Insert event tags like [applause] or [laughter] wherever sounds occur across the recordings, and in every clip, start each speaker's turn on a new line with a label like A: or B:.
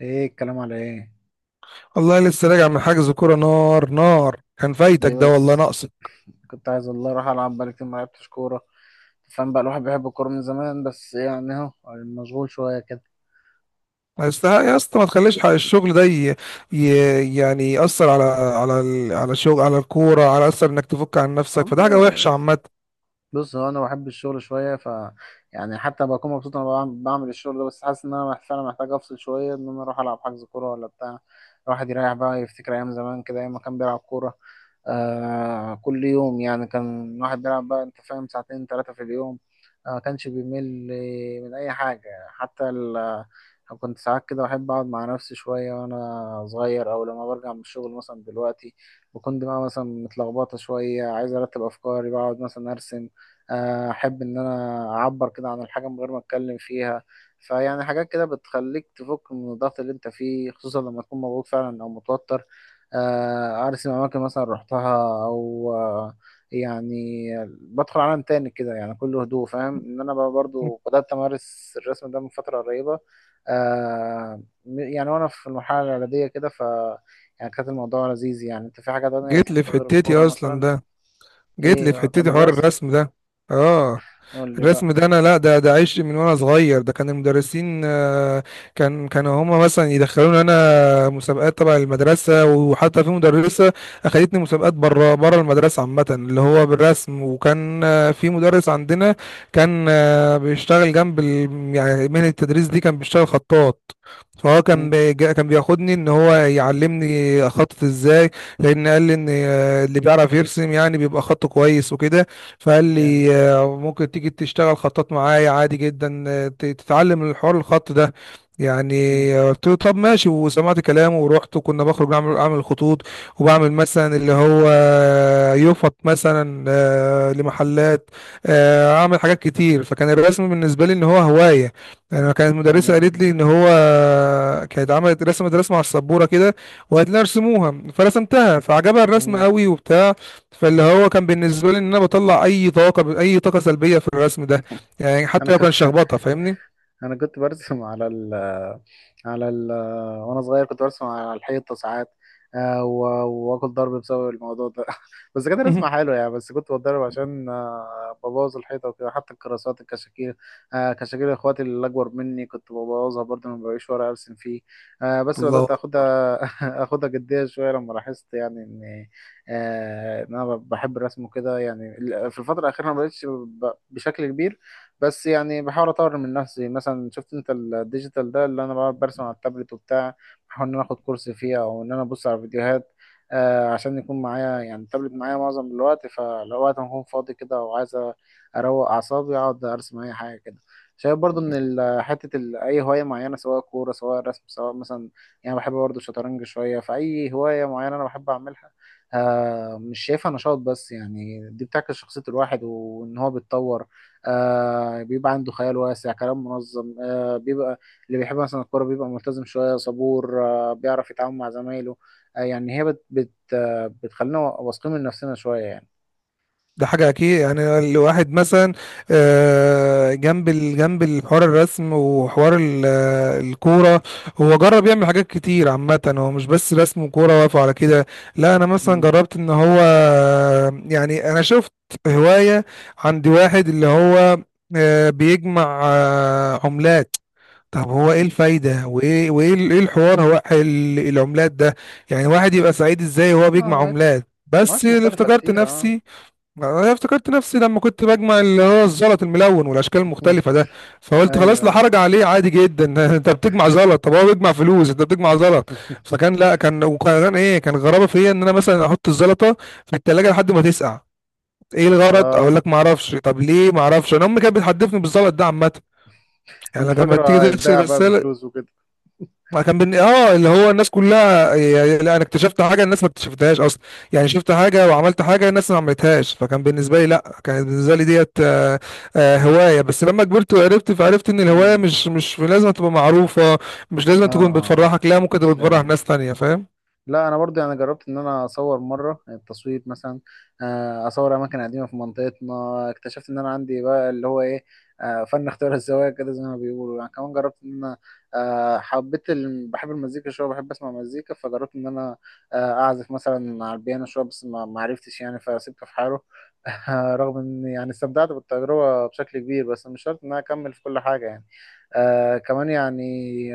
A: ايه الكلام على ايه؟
B: والله لسه راجع من حجز كوره. نار نار كان فايتك،
A: ليه
B: ده والله
A: بس؟
B: ناقصك.
A: كنت عايز والله اروح العب، بقالي كتير ما لعبتش كوره. فاهم بقى، الواحد بيحب الكوره من زمان، بس يعني اهو مشغول شويه كده.
B: ما يستحق يا اسطى، ما تخليش حق الشغل ده يعني يأثر على الشغل على الكوره، على اثر انك تفك عن نفسك، فده حاجه
A: والله
B: وحشه
A: بس.
B: عامه.
A: بص، هو انا بحب الشغل شويه، يعني حتى بكون مبسوط وانا بعمل الشغل ده، بس حاسس ان انا فعلا محتاج افصل شويه، ان انا اروح العب حجز كوره ولا بتاع. الواحد يريح بقى، يفتكر ايام زمان كده، ايام ما كان بيلعب كوره. كل يوم يعني كان الواحد بيلعب بقى، انت فاهم، ساعتين ثلاثه في اليوم. كانش بيمل من اي حاجه، حتى كنت ساعات كده بحب أقعد مع نفسي شوية وأنا صغير، أو لما برجع من الشغل مثلا دلوقتي بكون دماغي مثلا متلخبطة شوية، عايز أرتب أفكاري، بقعد مثلا أرسم. احب ان انا اعبر كده عن الحاجه من غير ما اتكلم فيها. فيعني حاجات كده بتخليك تفك من الضغط اللي انت فيه، خصوصا لما تكون مضغوط فعلا او متوتر. ارسم اماكن مثلا رحتها، او يعني بدخل عالم تاني كده، يعني كله هدوء، فاهم؟ ان انا بقى برضو بدات امارس الرسم ده من فتره قريبه. يعني وانا في المرحله الاعداديه كده، يعني كانت الموضوع لذيذ. يعني انت في حاجه تانية
B: جيت لي في
A: بتحبها غير
B: حتتي
A: الكوره
B: اصلا
A: مثلا؟
B: ده جيت لي في
A: ايه، بتحب
B: حتتي حوار
A: الرسم؟
B: الرسم ده. اه.
A: قول لي بقى.
B: الرسم ده انا لا، ده عشق من وانا صغير، ده كان المدرسين. كانوا هما مثلا يدخلوني انا مسابقات تبع المدرسه، وحتى في مدرسه اخدتني مسابقات بره بره المدرسه عامه، اللي هو بالرسم. وكان في مدرس عندنا كان بيشتغل جنب يعني مهنه التدريس دي، كان بيشتغل خطاط. فهو كان كان بياخدني ان هو يعلمني اخطط ازاي، لان قال لي ان اللي بيعرف يرسم يعني بيبقى خطه كويس وكده. فقال
A: جامد.
B: لي ممكن تيجي تشتغل خطاط معايا عادي جدا، تتعلم الحوار الخط ده يعني.
A: مم.
B: قلت له طب ماشي، وسمعت كلامه ورحت، وكنا بخرج اعمل خطوط، وبعمل مثلا اللي هو يفط مثلا لمحلات، اعمل حاجات كتير، فكان الرسم بالنسبه لي ان هو هوايه يعني. انا كانت المدرسه
A: جامد
B: قالت لي
A: والله.
B: ان هو كانت عملت رسمت رسمه على السبوره كده، وقالت لي ارسموها، فرسمتها فعجبها الرسم
A: مم.
B: قوي وبتاع. فاللي هو كان بالنسبة لي ان انا بطلع اي طاقة، اي طاقة سلبية في الرسم ده، يعني
A: انا
B: حتى لو كان
A: كنت
B: شخبطة فاهمني.
A: انا كنت برسم على ال على ال وانا صغير كنت برسم على الحيطه ساعات. واكل ضرب بسبب الموضوع ده [laughs] بس كانت
B: مهم.
A: رسمه حلوه يعني، بس كنت بتضرب عشان ببوظ الحيطه وكده، حتى الكراسات الكشاكيل. كشاكيل اخواتي اللي اكبر مني كنت ببوظها برضه، ما بلاقيش ورق ارسم فيه. بس بدات
B: الله.
A: اخدها [laughs] اخدها جديه شويه لما لاحظت يعني ان انا بحب الرسم وكده يعني. في الفتره الاخيره ما بقتش بشكل كبير. بس يعني بحاول اطور من نفسي، مثلا شفت انت الديجيتال ده اللي انا بقعد برسم على التابلت وبتاع. بحاول ان انا اخد كورس فيه، او ان انا ابص على فيديوهات. عشان يكون معايا يعني، التابلت معايا معظم الوقت، فلو وقت ما اكون فاضي كده وعايز اروق اعصابي اقعد ارسم اي حاجه كده. شايف برضو ان اي هوايه معينه، سواء كوره سواء رسم سواء مثلا، يعني بحب برضو الشطرنج شويه، فاي هوايه معينه انا بحب اعملها. مش شايفها نشاط، بس يعني دي بتعكس شخصيه الواحد وان هو بيتطور. بيبقى عنده خيال واسع، كلام منظم، بيبقى اللي بيحب مثلا الكورة بيبقى ملتزم شوية، صبور، بيعرف يتعامل مع زمايله. يعني هي بت بت آه بتخلينا واثقين من نفسنا شوية يعني.
B: ده حاجة أكيد، يعني الواحد مثلا جنب الحوار الرسم، وحوار الكورة. هو جرب يعمل حاجات كتير عامة، هو مش بس رسم وكورة واقف على كده. لا أنا مثلا
A: مم.
B: جربت إن هو يعني أنا شفت هواية عند واحد اللي هو بيجمع عملات. طب هو ايه الفايدة، وايه وايه ال- ايه الحوار هو العملات ده؟ يعني واحد يبقى سعيد ازاي وهو
A: اه،
B: بيجمع عملات؟ بس
A: أوقات
B: اللي
A: مختلفة
B: افتكرت
A: كتير، اه.
B: نفسي، انا افتكرت نفسي لما كنت بجمع اللي هو الزلط الملون والاشكال
A: [laughs]
B: المختلفة ده. فقلت خلاص،
A: ايوه،
B: لا
A: ايوه.
B: حرج عليه، عادي جدا [laughs] انت بتجمع زلط، طب هو بيجمع فلوس انت بتجمع زلط. فكان لا كان وكان ايه كان غرابة فيا ان انا مثلا احط الزلطة في التلاجة لحد ما تسقع. ايه الغرض، اقول
A: اه،
B: لك ما اعرفش. طب ليه؟ ما اعرفش. انا امي كانت بتحدفني بالزلط ده عامه،
A: كنت
B: يعني لما
A: فاكره
B: تيجي تغسل
A: هيتباع بقى
B: غسالة.
A: بفلوس وكده.
B: ما كان بن... اه اللي هو الناس كلها يعني، لا انا اكتشفت حاجه الناس ما اكتشفتهاش اصلا. يعني شفت حاجه وعملت حاجه الناس ما عملتهاش، فكان بالنسبه لي لا كانت بالنسبه لي ديت هوايه. بس لما كبرت وعرفت، فعرفت ان الهوايه
A: مم.
B: مش لازم تبقى معروفه، مش
A: اه،
B: لازم تكون
A: اه، لا،
B: بتفرحك، لا، ممكن تبقى
A: مش
B: بتفرح
A: لازم.
B: ناس تانية فاهم.
A: لا، انا برضه يعني جربت ان انا اصور مره، التصوير مثلا، اصور اماكن قديمه في منطقتنا. اكتشفت ان انا عندي بقى اللي هو ايه، فن اختيار الزوايا كده زي ما بيقولوا يعني. كمان جربت ان انا حبيت بحب المزيكا شويه، بحب اسمع مزيكا، فجربت ان انا اعزف مثلا على البيانو شويه، بس ما عرفتش يعني، فسيبته في حاله [laughs] رغم ان يعني استمتعت بالتجربه بشكل كبير، بس مش شرط ان انا اكمل في كل حاجه يعني. كمان يعني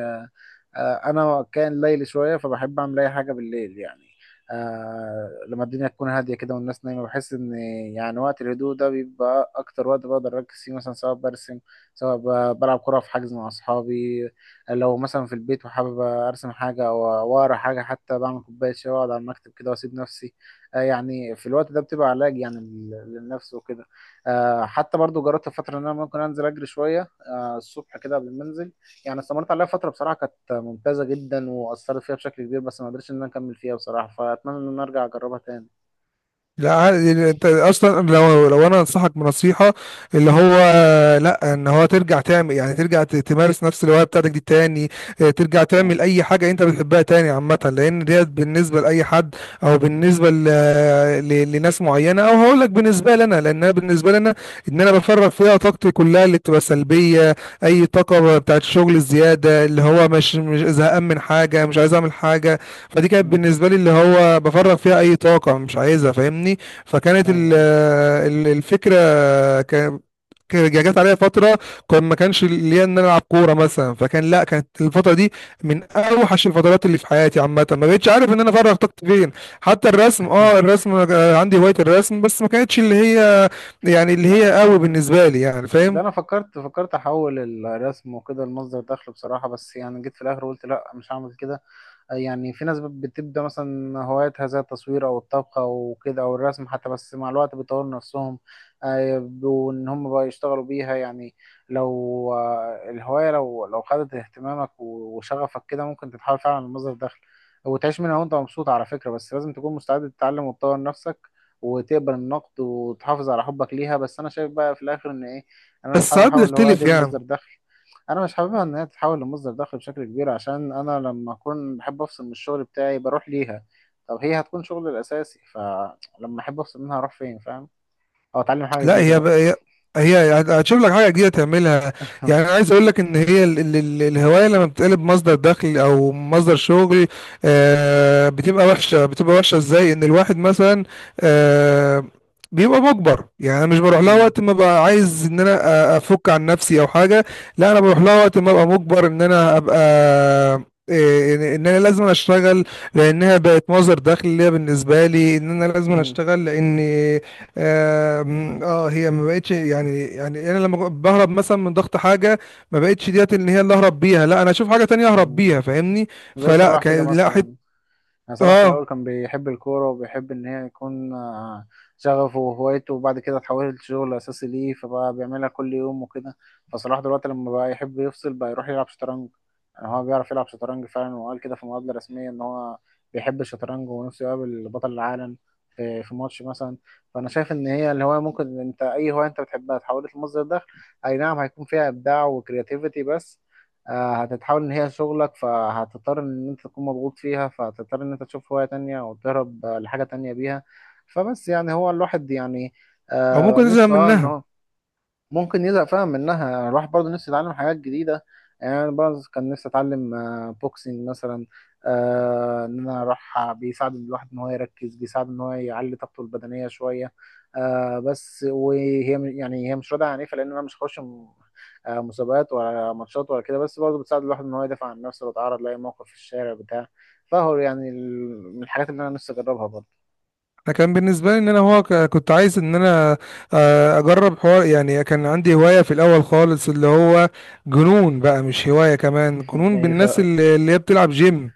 A: آه، انا كان ليلي شويه، فبحب اعمل اي حاجه بالليل يعني. لما الدنيا تكون هاديه كده والناس نايمه، بحس ان يعني وقت الهدوء ده بيبقى اكتر وقت بقدر اركز فيه، مثلا سواء برسم، سواء بلعب كره في حجز مع اصحابي، لو مثلا في البيت وحابب ارسم حاجه او واقرا حاجه، حتى بعمل كوبايه شاي واقعد على المكتب كده واسيب نفسي. يعني في الوقت ده بتبقى علاج يعني للنفس وكده. حتى برضو جربت في فتره ان انا ممكن انزل اجري شويه، الصبح كده قبل ما انزل. يعني استمرت عليها فترة بصراحة، كانت ممتازة جدا وأثرت فيها بشكل كبير، بس ما قدرتش إن أنا أكمل فيها بصراحة، فأتمنى إن أنا أرجع أجربها تاني.
B: لا عادي، انت اصلا لو انا انصحك بنصيحه اللي هو، لا، ان هو ترجع تعمل، يعني ترجع تمارس نفس الهوايه بتاعتك دي تاني. اه، ترجع
A: مم.
B: تعمل اي حاجه انت بتحبها تاني عامه، لان ديت بالنسبه لاي حد، او بالنسبه لناس معينه، او هقول لك بالنسبه لنا، لان أنا بالنسبه لنا ان انا بفرغ فيها طاقتي كلها اللي بتبقى سلبيه. اي طاقه بتاعت الشغل الزياده، اللي هو مش زهقان من حاجه، مش عايز اعمل حاجه. فدي كانت
A: مم.
B: بالنسبه لي اللي هو بفرغ فيها اي طاقه مش عايزها فاهمني. فكانت
A: ايوه، ايوه.
B: الفكره، جت عليا فتره كان ما كانش ليا ان انا العب كوره مثلا، فكان لا كانت الفتره دي من اوحش الفترات اللي في حياتي عامه، ما بقتش عارف ان انا افرغ طاقتي فين. حتى الرسم، اه
A: [laughs]
B: الرسم عندي هوايه الرسم، بس ما كانتش اللي هي يعني
A: لا،
B: اللي هي قوي
A: لا.
B: بالنسبه لي يعني
A: ده
B: فاهم.
A: انا فكرت احول الرسم وكده لمصدر دخل بصراحه، بس يعني جيت في الاخر قلت لا، مش هعمل كده. يعني في ناس بتبدا مثلا هواياتها زي التصوير او الطبخ او كده او الرسم حتى، بس مع الوقت بيطوروا نفسهم وان هم بقى يشتغلوا بيها يعني. لو الهوايه لو خدت اهتمامك وشغفك كده، ممكن تتحول فعلا لمصدر دخل وتعيش منها وانت مبسوط على فكره، بس لازم تكون مستعد تتعلم وتطور نفسك وتقبل النقد وتحافظ على حبك ليها. بس انا شايف بقى في الاخر ان ايه، انا مش
B: بس
A: حابب
B: ساعات
A: احول الهوايه
B: بتختلف
A: دي لمصدر
B: يعني.
A: دخل. انا مش حاببها ان هي تتحول لمصدر دخل بشكل كبير، عشان انا لما اكون بحب افصل من الشغل بتاعي بروح ليها. طب هي هتكون شغلي الاساسي، فلما احب افصل منها اروح فين، فاهم؟ او اتعلم حاجه
B: لا
A: جديده
B: هي
A: بقى.
B: بقى، هي هتشوف لك حاجه جديده تعملها. يعني
A: [laughs]
B: انا عايز اقول لك ان هي ال ال ال الهوايه لما بتقلب مصدر دخل او مصدر شغل، بتبقى وحشه. بتبقى وحشه ازاي؟ ان الواحد مثلا آه بيبقى مجبر. يعني انا مش بروح لها
A: مم.
B: وقت ما ببقى عايز ان انا افك عن نفسي او حاجه. لا انا بروح لها وقت ما ابقى مجبر ان انا ابقى، إيه، إن انا لازم اشتغل، لانها بقت مصدر دخل ليا، بالنسبه لي ان انا لازم
A: مم.
B: اشتغل، لان آم، اه هي ما بقتش يعني، انا لما بهرب مثلا من ضغط حاجه، ما بقتش ديت اللي هي اللي اهرب بيها، لا انا اشوف حاجه تانية اهرب
A: مم.
B: بيها فاهمني.
A: زي
B: فلا
A: صلاح كده
B: كان لا حت.
A: مثلا، يعني صلاح في
B: اه.
A: الأول كان بيحب الكورة وبيحب إن هي يكون شغفه وهوايته، وبعد كده اتحولت شغل أساسي ليه، فبقى بيعملها كل يوم وكده. فصلاح دلوقتي لما بقى يحب يفصل، بقى يروح يلعب شطرنج، يعني هو بيعرف يلعب شطرنج فعلا، وقال كده في مقابلة رسمية إن هو بيحب الشطرنج ونفسه يقابل بطل العالم في ماتش مثلا. فأنا شايف إن هي الهواية ممكن، أنت أي هواية أنت بتحبها اتحولت لمصدر دخل، أي نعم هيكون فيها إبداع وكرياتيفيتي، بس هتتحول ان هي شغلك، فهتضطر ان انت تكون مضغوط فيها، فهتضطر ان انت تشوف هواية تانية او تهرب لحاجة تانية بيها. فبس يعني هو الواحد يعني،
B: او ممكن ازهق
A: نفسه ان
B: منها.
A: هو ممكن يزهق فعلا منها. يعني الواحد برضه نفسه يتعلم حاجات جديدة، يعني أنا برضه كان نفسي أتعلم بوكسينج مثلا، إن أنا أروح بيساعد الواحد إن هو يركز، بيساعد إن هو يعلي طاقته البدنية شوية. بس وهي يعني هي مش راضية، عن لأن أنا مش هخش مسابقات ولا ماتشات ولا كده، بس برضه بتساعد الواحد إن هو يدافع عن نفسه لو اتعرض لأي موقف في الشارع بتاع. فهو يعني من الحاجات اللي أنا نفسي أجربها برضه.
B: انا كان بالنسبه لي ان انا هو كنت عايز ان انا اجرب حوار، يعني كان عندي هوايه في الاول خالص اللي هو جنون بقى، مش هوايه كمان،
A: [laughs]
B: جنون
A: إيه،
B: بالناس اللي هي بتلعب جيم.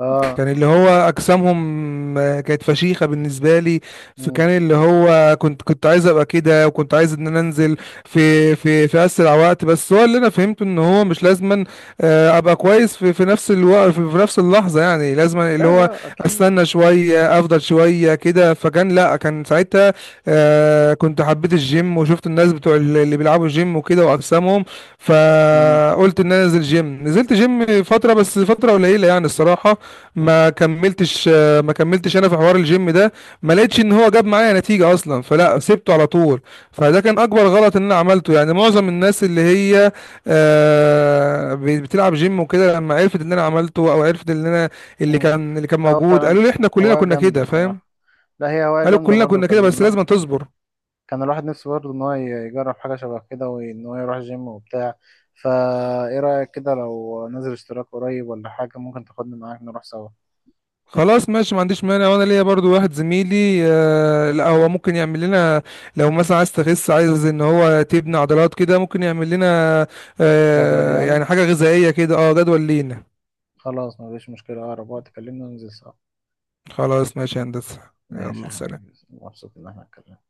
A: آه.
B: كان اللي هو اجسامهم كانت فشيخه بالنسبه لي.
A: مم.
B: فكان اللي هو كنت عايز ابقى كده، وكنت عايز ان انا انزل في اسرع وقت، بس هو اللي انا فهمته ان هو مش لازما ابقى كويس في نفس الوقت، في نفس اللحظه، يعني لازما اللي
A: لا،
B: هو
A: لا، أكيد.
B: استنى شويه، افضل شويه كده. فكان لا كان ساعتها كنت حبيت الجيم، وشفت الناس بتوع اللي بيلعبوا جيم وكده واجسامهم.
A: مم.
B: فقلت ان انا انزل جيم، نزلت جيم فتره، بس فتره قليله يعني الصراحه. ما كملتش ما كملتش انا في حوار الجيم ده. ما لقيتش ان هو جاب معايا نتيجة اصلا، فلا سبته على طول. فده كان اكبر غلط ان انا عملته. يعني معظم الناس اللي هي بتلعب جيم وكده، لما عرفت اللي انا عملته، او عرفت اللي انا اللي
A: مم.
B: كان اللي كان
A: لا، هو
B: موجود، قالوا
A: فعلا
B: لي احنا كلنا
A: هواية
B: كنا
A: جامدة
B: كده فاهم.
A: بصراحة. لا، هي هواية
B: قالوا
A: جامدة
B: كلنا
A: برضه.
B: كنا كده، بس لازم تصبر.
A: كان الواحد نفسه برضه إن هو يجرب حاجة شبه كده، وإن هو يروح جيم وبتاع. فا إيه رأيك كده لو نزل اشتراك قريب ولا حاجة؟ ممكن تاخدني معاك نروح سوا.
B: خلاص ماشي، ما عنديش مانع، وانا ليا برضو واحد زميلي. لا هو ممكن يعمل لنا، لو مثلا عايز تخس، عايز ان هو تبني عضلات كده، ممكن يعمل لنا
A: جدول يعني.
B: يعني حاجة غذائية كده، اه جدول لينا.
A: خلاص، مفيش مشكلة، أقرب وقت كلمني وننزل سوا.
B: خلاص ماشي يا هندسة.
A: ماشي يا
B: يلا
A: حبيبي،
B: سلام.
A: مبسوط إن احنا اتكلمنا.